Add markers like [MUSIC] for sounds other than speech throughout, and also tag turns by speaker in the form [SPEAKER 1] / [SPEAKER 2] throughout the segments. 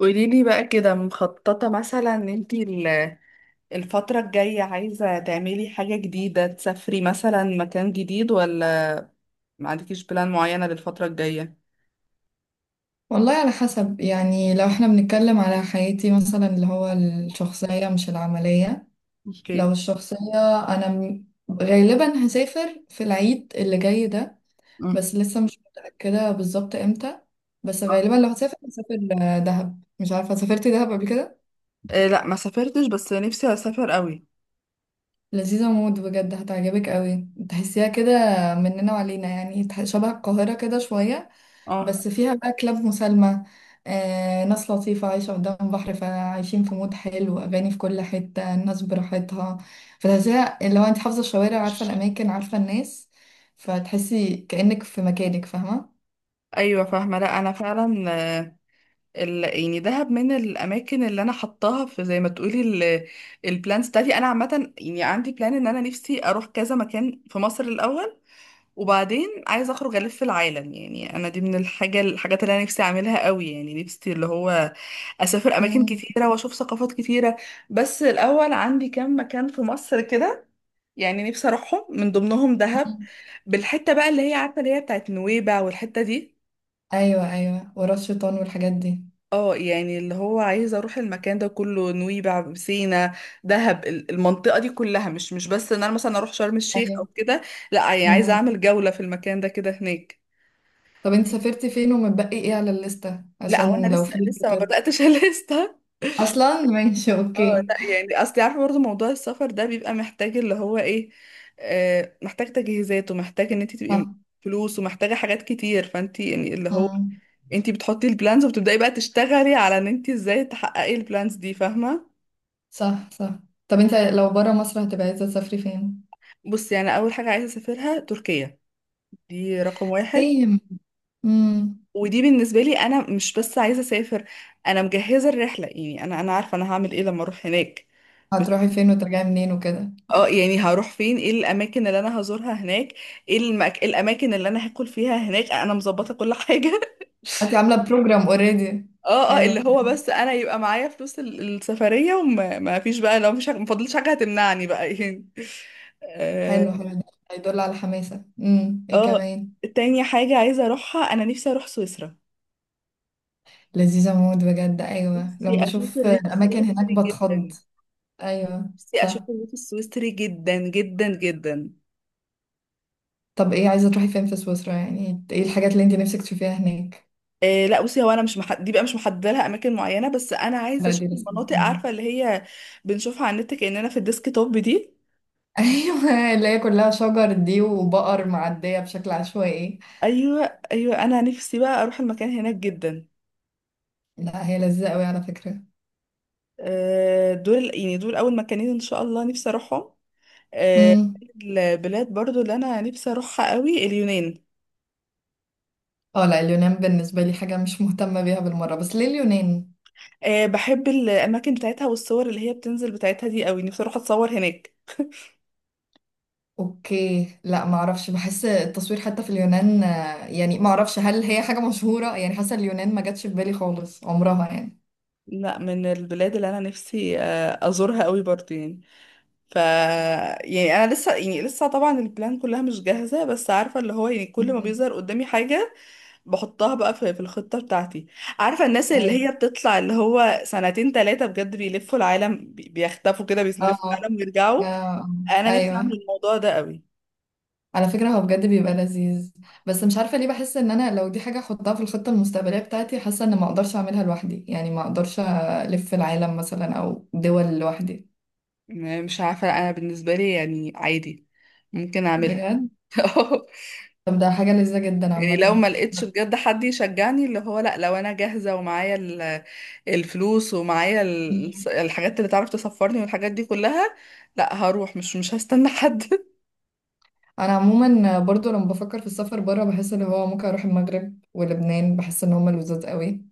[SPEAKER 1] قوليلي بقى كده مخططة مثلا ان انتي الفترة الجاية عايزة تعملي حاجة جديدة، تسافري مثلا مكان جديد ولا ما عندكيش بلان معينة للفترة الجاية؟
[SPEAKER 2] والله، على حسب. يعني لو احنا بنتكلم على حياتي مثلا اللي هو الشخصية مش العملية. لو
[SPEAKER 1] اوكي.
[SPEAKER 2] الشخصية، أنا م- غالبا هسافر في العيد اللي جاي ده.
[SPEAKER 1] امم.
[SPEAKER 2] بس لسه مش متأكدة بالظبط امتى. بس
[SPEAKER 1] آه.
[SPEAKER 2] غالبا لو هسافر هسافر دهب. مش عارفة سافرتي دهب قبل كده؟
[SPEAKER 1] إيه، لا ما سافرتش بس نفسي اسافر قوي.
[SPEAKER 2] لذيذة موت بجد، هتعجبك قوي. تحسيها كده مننا وعلينا، يعني شبه القاهرة كده شوية.
[SPEAKER 1] اه،
[SPEAKER 2] بس فيها بقى كلاب مسالمة، ناس لطيفة، عايشة قدام بحر، فعايشين في مود حلو، أغاني في كل حتة، الناس براحتها. فتحسيها اللي هو أنت حافظة الشوارع، عارفة الأماكن، عارفة الناس، فتحسي كأنك في مكانك، فاهمة.
[SPEAKER 1] ايوه فاهمة. لا انا فعلا آه، يعني دهب من الاماكن اللي انا حطاها في زي ما تقولي البلان ستادي. انا عامة يعني عندي بلان ان انا نفسي اروح كذا مكان في مصر الاول، وبعدين عايزه اخرج الف العالم، يعني انا دي من الحاجات اللي انا نفسي اعملها قوي، يعني نفسي اللي هو اسافر اماكن
[SPEAKER 2] مم.
[SPEAKER 1] كتيره واشوف ثقافات كتيره. بس الاول عندي كام مكان في مصر كده، يعني نفسي اروحهم، من ضمنهم دهب، بالحته بقى اللي هي عارفه، اللي هي بتاعت نويبع والحته دي.
[SPEAKER 2] أيوة أيوة، ورا الشيطان والحاجات دي.
[SPEAKER 1] اه، يعني اللي هو عايزه اروح المكان ده كله، نويبع، سينا، دهب، المنطقه دي كلها. مش بس ان انا مثلا اروح شرم الشيخ او
[SPEAKER 2] ايوه.
[SPEAKER 1] كده، لا يعني عايزه
[SPEAKER 2] مم.
[SPEAKER 1] اعمل جوله في المكان ده كده هناك.
[SPEAKER 2] طب أنت سافرتي فين ومتبقي إيه على الليستة
[SPEAKER 1] لا هو انا
[SPEAKER 2] عشان لو
[SPEAKER 1] لسه
[SPEAKER 2] في
[SPEAKER 1] لسه ما
[SPEAKER 2] كتاب
[SPEAKER 1] بداتش [LAUGHS] لسه.
[SPEAKER 2] أصلا؟ ماشي،
[SPEAKER 1] اه
[SPEAKER 2] أوكي.
[SPEAKER 1] لا يعني اصل عارفه برضه موضوع السفر ده بيبقى محتاج اللي هو ايه، محتاج تجهيزات ومحتاج ان انت تبقي
[SPEAKER 2] صح.
[SPEAKER 1] فلوس ومحتاجه حاجات كتير. فانت يعني اللي هو
[SPEAKER 2] مم.
[SPEAKER 1] انت بتحطي البلانز وبتبداي بقى تشتغلي على ان انت ازاي تحققي البلانز دي، فاهمه؟
[SPEAKER 2] صح صح. طب أنت لو برا مصر هتبقى عايزة تسافري فين؟
[SPEAKER 1] بصي انا اول حاجه عايزه اسافرها تركيا، دي رقم واحد.
[SPEAKER 2] سيم. امم.
[SPEAKER 1] ودي بالنسبه لي انا مش بس عايزه اسافر، انا مجهزه الرحله، يعني انا عارفه انا هعمل ايه لما اروح هناك.
[SPEAKER 2] هتروحي فين وترجعي منين وكده؟
[SPEAKER 1] اه يعني هروح فين، ايه الاماكن اللي انا هزورها هناك، ايه إيه الاماكن اللي انا هاكل فيها هناك، انا مظبطه كل حاجه [LAUGHS]
[SPEAKER 2] انت عامله بروجرام اوريدي؟
[SPEAKER 1] اه اه
[SPEAKER 2] حلو.
[SPEAKER 1] اللي هو بس انا يبقى معايا فلوس السفريه وما ما فيش بقى، لو مش ما فاضلش حاجه هتمنعني بقى [LAUGHS] يعني. اه.
[SPEAKER 2] حلو، حلو ده. هيدل على حماسه. امم، ايه
[SPEAKER 1] آه.
[SPEAKER 2] كمان؟
[SPEAKER 1] تاني حاجه عايزه اروحها، انا نفسي اروح سويسرا.
[SPEAKER 2] لذيذه موت بجد. ايوه،
[SPEAKER 1] نفسي
[SPEAKER 2] لما
[SPEAKER 1] اشوف
[SPEAKER 2] بشوف
[SPEAKER 1] الريف
[SPEAKER 2] الاماكن هناك
[SPEAKER 1] السويسري
[SPEAKER 2] بتخض.
[SPEAKER 1] جدا.
[SPEAKER 2] ايوه
[SPEAKER 1] نفسي
[SPEAKER 2] صح.
[SPEAKER 1] اشوف الريف السويسري جدا جدا جدا.
[SPEAKER 2] طب ايه عايزه تروحي فين في سويسرا؟ يعني ايه الحاجات اللي انت نفسك تشوفيها هناك؟
[SPEAKER 1] إيه، لا بصي هو انا مش محد... دي بقى مش محدده لها اماكن معينه، بس انا عايزه
[SPEAKER 2] لا دي
[SPEAKER 1] اشوف
[SPEAKER 2] لسه.
[SPEAKER 1] المناطق عارفه اللي هي بنشوفها على النت كاننا في الديسك توب دي.
[SPEAKER 2] [LAUGHS] ايوه، اللي هي كلها شجر دي وبقر معديه بشكل عشوائي.
[SPEAKER 1] ايوه ايوه، انا نفسي بقى اروح المكان هناك جدا.
[SPEAKER 2] لا هي لذيذه قوي على فكره.
[SPEAKER 1] دول يعني دول اول مكانين ان شاء الله نفسي اروحهم. آه،
[SPEAKER 2] مم.
[SPEAKER 1] البلاد برضو اللي انا نفسي اروحها قوي اليونان.
[SPEAKER 2] اه لا، اليونان بالنسبة لي حاجة مش مهتمة بيها بالمرة. بس ليه اليونان؟
[SPEAKER 1] بحب الاماكن بتاعتها والصور اللي هي بتنزل بتاعتها دي قوي، نفسي اروح اتصور هناك.
[SPEAKER 2] اوكي، لا معرفش، بحس التصوير حتى في اليونان يعني معرفش هل هي حاجة مشهورة. يعني حاسة اليونان ما جاتش في بالي خالص عمرها يعني.
[SPEAKER 1] لا من البلاد اللي انا نفسي ازورها قوي برضو يعني. ف يعني انا لسه، يعني لسه طبعا البلان كلها مش جاهزه، بس عارفه اللي هو يعني كل ما
[SPEAKER 2] مم.
[SPEAKER 1] بيظهر قدامي حاجه بحطها بقى في الخطه بتاعتي. عارفه الناس اللي
[SPEAKER 2] ايوه.
[SPEAKER 1] هي بتطلع اللي هو سنتين ثلاثه بجد بيلفوا العالم، بيختفوا كده
[SPEAKER 2] اه.
[SPEAKER 1] بيلفوا
[SPEAKER 2] آه،
[SPEAKER 1] العالم ويرجعوا.
[SPEAKER 2] آه.
[SPEAKER 1] انا نفسي اعمل
[SPEAKER 2] ايوه.
[SPEAKER 1] الموضوع ده قوي.
[SPEAKER 2] على فكرة هو بجد بيبقى لذيذ. بس مش عارفة ليه بحس ان انا لو دي حاجة احطها في الخطة المستقبلية بتاعتي، حاسة ان ما اقدرش اعملها لوحدي. يعني ما اقدرش الف العالم مثلا او دول لوحدي.
[SPEAKER 1] مش عارفه، انا بالنسبه لي يعني عادي ممكن اعملها
[SPEAKER 2] بجد.
[SPEAKER 1] [LAUGHS]
[SPEAKER 2] طب ده حاجة لذيذة جدا
[SPEAKER 1] يعني. لو
[SPEAKER 2] عامة.
[SPEAKER 1] ما لقيتش بجد حد يشجعني اللي هو لا، لو انا جاهزة ومعايا الفلوس ومعايا الحاجات اللي تعرف تسفرني والحاجات دي كلها، لا هروح، مش هستنى حد [LAUGHS]
[SPEAKER 2] انا عموما برضو لما بفكر في السفر بره، بحس ان هو ممكن اروح المغرب ولبنان. بحس ان هما لذاذ قوي.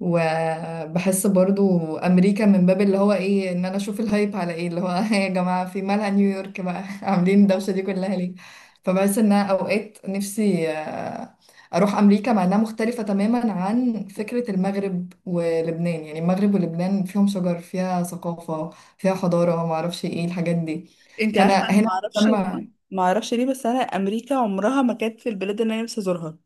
[SPEAKER 2] وبحس برضو امريكا من باب اللي هو ايه، ان انا اشوف الهايب على ايه اللي هو، [LAUGHS] يا جماعه في مالها نيويورك بقى، [LAUGHS] عاملين الدوشه دي كلها ليه. فبحس ان أنا اوقات نفسي اروح امريكا، مع انها مختلفه تماما عن فكره المغرب ولبنان. يعني المغرب ولبنان فيهم شجر، فيها ثقافه، فيها حضاره، ما اعرفش ايه الحاجات دي.
[SPEAKER 1] انت
[SPEAKER 2] فانا
[SPEAKER 1] عارفة انا ما
[SPEAKER 2] هنا
[SPEAKER 1] اعرفش،
[SPEAKER 2] مهتمه.
[SPEAKER 1] ما اعرفش ليه بس انا امريكا عمرها ما كانت في البلاد اللي انا نفسي ازورها.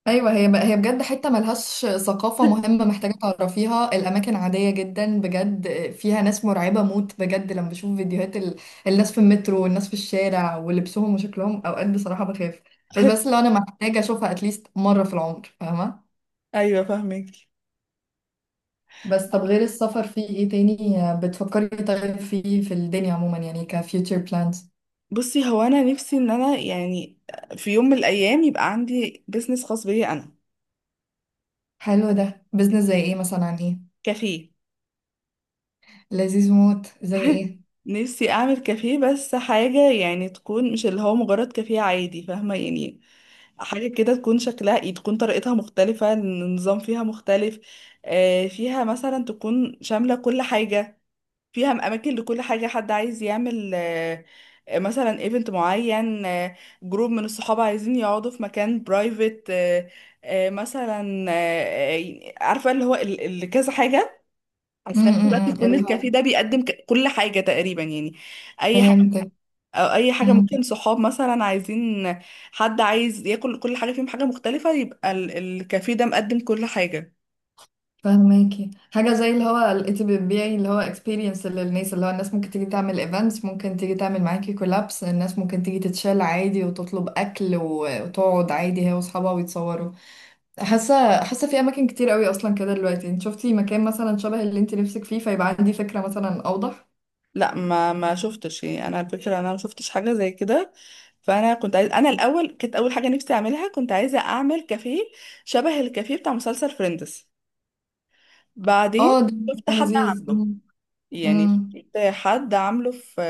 [SPEAKER 2] ايوه، هي، هي بجد حته ملهاش ثقافه مهمه محتاجه تعرفيها. الاماكن عاديه جدا بجد. فيها ناس مرعبه موت. بجد لما بشوف فيديوهات ال... الناس في المترو والناس في الشارع ولبسهم وشكلهم اوقات، بصراحه بخاف. بس لو
[SPEAKER 1] [LAUGHS]
[SPEAKER 2] انا محتاجه اشوفها اتليست مره في العمر، فاهمه.
[SPEAKER 1] ايوه فاهمك.
[SPEAKER 2] بس طب غير السفر في ايه تاني بتفكري؟ طيب، فيه في الدنيا عموما، يعني كفيوتشر بلانز؟
[SPEAKER 1] بصي هو انا نفسي ان انا يعني في يوم من الايام يبقى عندي بيزنس خاص بيا انا.
[SPEAKER 2] حلو ده، بزنس زي ايه مثلا، عن ايه؟
[SPEAKER 1] كافيه
[SPEAKER 2] لذيذ موت، زي
[SPEAKER 1] [LAUGHS]
[SPEAKER 2] ايه؟
[SPEAKER 1] نفسي اعمل كافيه بس حاجة يعني تكون مش اللي هو مجرد كافيه عادي، فاهمة؟ يعني حاجة كده تكون شكلها إيه، تكون طريقتها مختلفة، النظام فيها مختلف، فيها مثلا تكون شاملة كل حاجة، فيها اماكن لكل حاجة. حد عايز يعمل مثلا ايفنت معين، جروب من الصحاب عايزين يقعدوا في مكان برايفت مثلا، عارفة اللي هو اللي كذا حاجة. وفي نفس الوقت
[SPEAKER 2] امم،
[SPEAKER 1] يكون
[SPEAKER 2] اللي هو
[SPEAKER 1] الكافيه ده بيقدم كل حاجة تقريبا يعني، أي حاجة.
[SPEAKER 2] فهمتك.
[SPEAKER 1] أو أي حاجة، ممكن صحاب مثلا عايزين، حد عايز ياكل كل حاجة فيهم حاجة مختلفة، يبقى الكافيه ده مقدم كل حاجة.
[SPEAKER 2] فهماكي، حاجة زي اللي هو لقيتي بتبيعي اللي هو experience للناس، اللي هو الناس ممكن تيجي تعمل events، ممكن تيجي تعمل معاكي collabs، الناس ممكن تيجي تتشال عادي وتطلب وتقعد عادي هي وأصحابها ويتصوروا. حاسة، حاسة في أماكن كتير قوي أصلا كده دلوقتي. انت شفتي مكان مثلا شبه اللي انت نفسك فيه، فيبقى عندي فكرة مثلا أوضح؟
[SPEAKER 1] لا ما شفتش، يعني أنا الفكرة أنا ما شفتش حاجة زي كده. فأنا كنت عايز، أنا الأول كانت أول حاجة نفسي أعملها كنت عايزة أعمل كافيه شبه الكافيه بتاع مسلسل فريندز. بعدين
[SPEAKER 2] اه ده
[SPEAKER 1] شفت
[SPEAKER 2] مكان
[SPEAKER 1] حد
[SPEAKER 2] لذيذ.
[SPEAKER 1] عامله،
[SPEAKER 2] مم.
[SPEAKER 1] يعني
[SPEAKER 2] مم.
[SPEAKER 1] شفت حد عامله في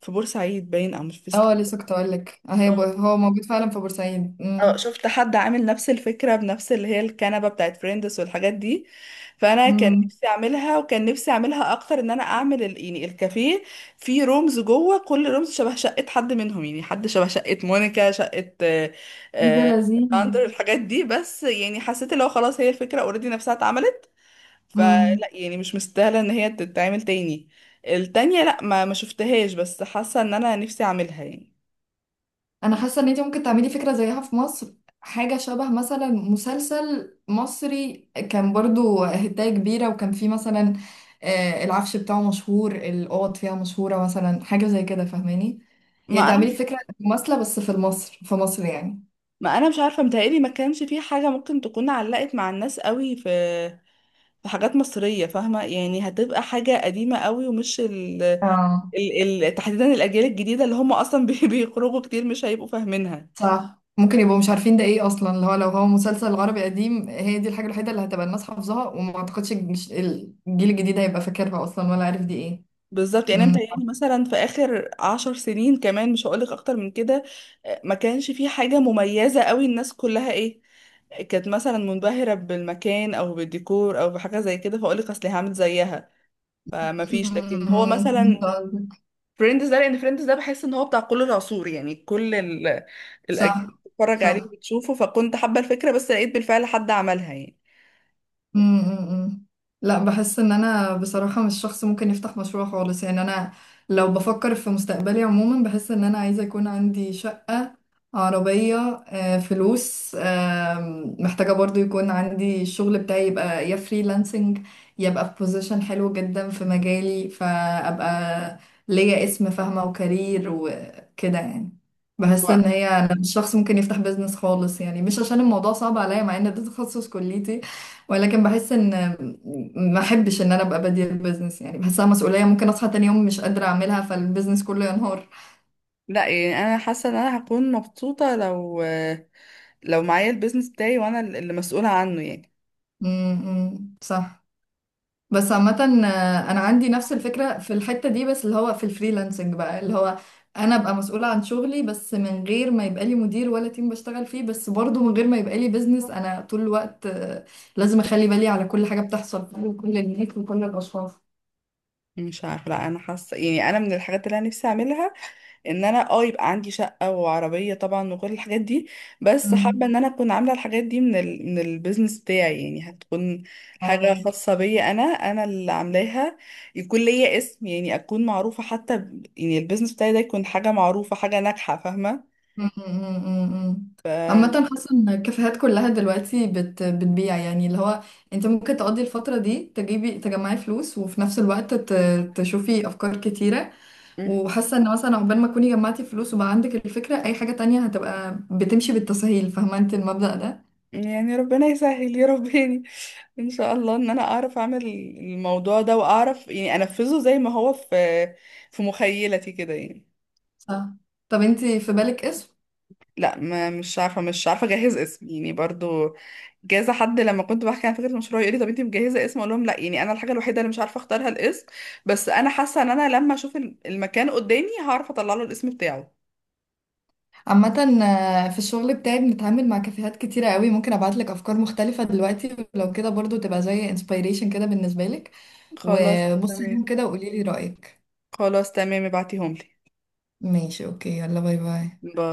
[SPEAKER 1] في بورسعيد باين، أو مش في
[SPEAKER 2] اه لسه كنت أقولك، هي
[SPEAKER 1] آه.
[SPEAKER 2] هو موجود فعلا في بورسعيد.
[SPEAKER 1] اه
[SPEAKER 2] مم.
[SPEAKER 1] شفت حد عامل نفس الفكرة بنفس اللي هي الكنبة بتاعت فريندس والحاجات دي. فأنا كان
[SPEAKER 2] مم.
[SPEAKER 1] نفسي أعملها، وكان نفسي أعملها أكتر إن أنا أعمل يعني الكافيه فيه رومز جوه، كل رومز شبه شقة حد منهم، يعني حد شبه شقة مونيكا، شقة
[SPEAKER 2] ده
[SPEAKER 1] آه،
[SPEAKER 2] لذيذ.
[SPEAKER 1] ساندر، الحاجات دي. بس يعني حسيت اللي هو خلاص هي الفكرة اوريدي نفسها اتعملت،
[SPEAKER 2] مم.
[SPEAKER 1] فلا يعني مش مستاهلة إن هي تتعمل تاني. التانية لا ما شفتهاش بس حاسة إن أنا نفسي أعملها يعني.
[SPEAKER 2] انا حاسه ان انت ممكن تعملي فكره زيها في مصر. حاجه شبه مثلا مسلسل مصري كان برضو هدايه كبيره، وكان فيه مثلا العفش بتاعه مشهور، الاوض فيها مشهوره، مثلا حاجه زي كده، فاهماني؟ يعني
[SPEAKER 1] ما
[SPEAKER 2] تعملي فكره مماثله بس في مصر، في مصر يعني.
[SPEAKER 1] ما انا مش عارفه، متهيألي ما كانش في حاجه ممكن تكون علقت مع الناس قوي في في حاجات مصريه، فاهمه؟ يعني هتبقى حاجه قديمه قوي ومش
[SPEAKER 2] اه
[SPEAKER 1] تحديدا الاجيال الجديده اللي هم اصلا [LAUGHS] بيخرجوا كتير مش هيبقوا فاهمينها.
[SPEAKER 2] صح، ممكن يبقوا مش عارفين ده ايه اصلا. اللي هو لو هو مسلسل عربي قديم، هي دي الحاجه الوحيده اللي هتبقى الناس حافظاها، وما اعتقدش الجيل الجديد هيبقى فاكرها اصلا ولا عارف دي ايه.
[SPEAKER 1] بالظبط. يعني انا
[SPEAKER 2] مم.
[SPEAKER 1] متهيألي مثلا في اخر عشر سنين كمان مش هقولك اكتر من كده، ما كانش في حاجه مميزه قوي، الناس كلها ايه كانت مثلا منبهرة بالمكان أو بالديكور أو بحاجة زي كده فأقولك أصل هعمل زيها، فما فيش. لكن هو مثلا
[SPEAKER 2] [LAUGHS]
[SPEAKER 1] فريندز ده، لان فريندز ده بحس ان هو بتاع كل العصور، يعني كل
[SPEAKER 2] صح.
[SPEAKER 1] الاجيال بتتفرج عليه
[SPEAKER 2] صح.
[SPEAKER 1] وبتشوفه، فكنت حابه الفكره بس لقيت بالفعل حد عملها يعني.
[SPEAKER 2] أمم أمم أمم. لا بحس ان انا بصراحة مش شخص ممكن يفتح مشروع خالص يعني. انا لو بفكر في مستقبلي عموما، بحس ان انا عايزة يكون عندي شقة، عربية، فلوس، محتاجة برضو يكون عندي الشغل بتاعي، يبقى يا فريلانسنج، يبقى في بوزيشن حلو جدا في مجالي، فأبقى ليا اسم فاهمة، وكارير وكده يعني. بحس ان
[SPEAKER 1] و-
[SPEAKER 2] هي انا مش شخص ممكن يفتح بيزنس خالص، يعني مش عشان الموضوع صعب عليا، مع ان ده تخصص كليتي، ولكن بحس ان ما احبش ان انا ابقى بادية البيزنس. يعني بحسها مسؤولية، ممكن اصحى تاني يوم مش قادرة اعملها فالبيزنس كله ينهار.
[SPEAKER 1] لا يعني انا حاسه ان انا هكون مبسوطه لو معايا البيزنس بتاعي وانا اللي مسؤوله عنه يعني.
[SPEAKER 2] صح. بس عامة انا عندي نفس الفكرة في الحتة دي، بس اللي هو في الفريلانسنج بقى، اللي هو انا ابقى مسؤولة عن شغلي بس من غير ما يبقى لي مدير ولا تيم بشتغل فيه، بس برضه من غير ما يبقى لي بيزنس انا طول الوقت لازم اخلي بالي على كل حاجة بتحصل وكل الناس وكل الاشخاص.
[SPEAKER 1] مش عارفه، لا انا حاسه يعني انا من الحاجات اللي انا نفسي اعملها ان انا يبقى عندي شقة وعربية طبعا وكل الحاجات دي، بس حابة ان انا اكون عاملة الحاجات دي من من البيزنس بتاعي، يعني هتكون حاجة
[SPEAKER 2] امم.
[SPEAKER 1] خاصة بيا، انا اللي عاملاها، يكون ليا اسم. يعني اكون معروفة حتى يعني البيزنس بتاعي ده يكون حاجة معروفة، حاجة ناجحة، فاهمة؟
[SPEAKER 2] م- م- م- م.
[SPEAKER 1] ف
[SPEAKER 2] عامة حاسة ان الكافيهات كلها دلوقتي بتبيع، يعني اللي هو انت ممكن تقضي الفترة دي تجيبي تجمعي فلوس، وفي نفس الوقت تشوفي افكار كتيرة.
[SPEAKER 1] مم.
[SPEAKER 2] وحاسة ان مثلا عقبال ما تكوني جمعتي فلوس وبقى عندك الفكرة، اي حاجة تانية هتبقى بتمشي بالتسهيل، فاهمة انت المبدأ ده.
[SPEAKER 1] يعني ربنا يسهل يا رباني [LAUGHS] ان شاء الله ان انا اعرف اعمل الموضوع ده واعرف يعني انفذه زي ما هو في في مخيلتي كده يعني.
[SPEAKER 2] صح. طب انت في بالك اسم؟
[SPEAKER 1] لا ما مش عارفه، مش عارفه اجهز اسم يعني برضو. جاز حد لما كنت بحكي عن فكره المشروع يقول لي طب انت مجهزه اسم، اقول لهم لا. يعني انا الحاجه الوحيده اللي مش عارفه اختارها الاسم، بس انا حاسه ان انا لما اشوف المكان قدامي هعرف اطلع له الاسم بتاعه.
[SPEAKER 2] عامة في الشغل بتاعي بنتعامل مع كافيهات كتيرة قوي، ممكن ابعتلك افكار مختلفة دلوقتي ولو كده، برضو تبقى زي انسبيريشن كده بالنسبة لك،
[SPEAKER 1] خلاص
[SPEAKER 2] وبصي عليهم
[SPEAKER 1] تمام.
[SPEAKER 2] كده وقولي لي رأيك.
[SPEAKER 1] خلاص تمام، ابعتيهم لي.
[SPEAKER 2] ماشي، اوكي، يلا باي باي.
[SPEAKER 1] باي.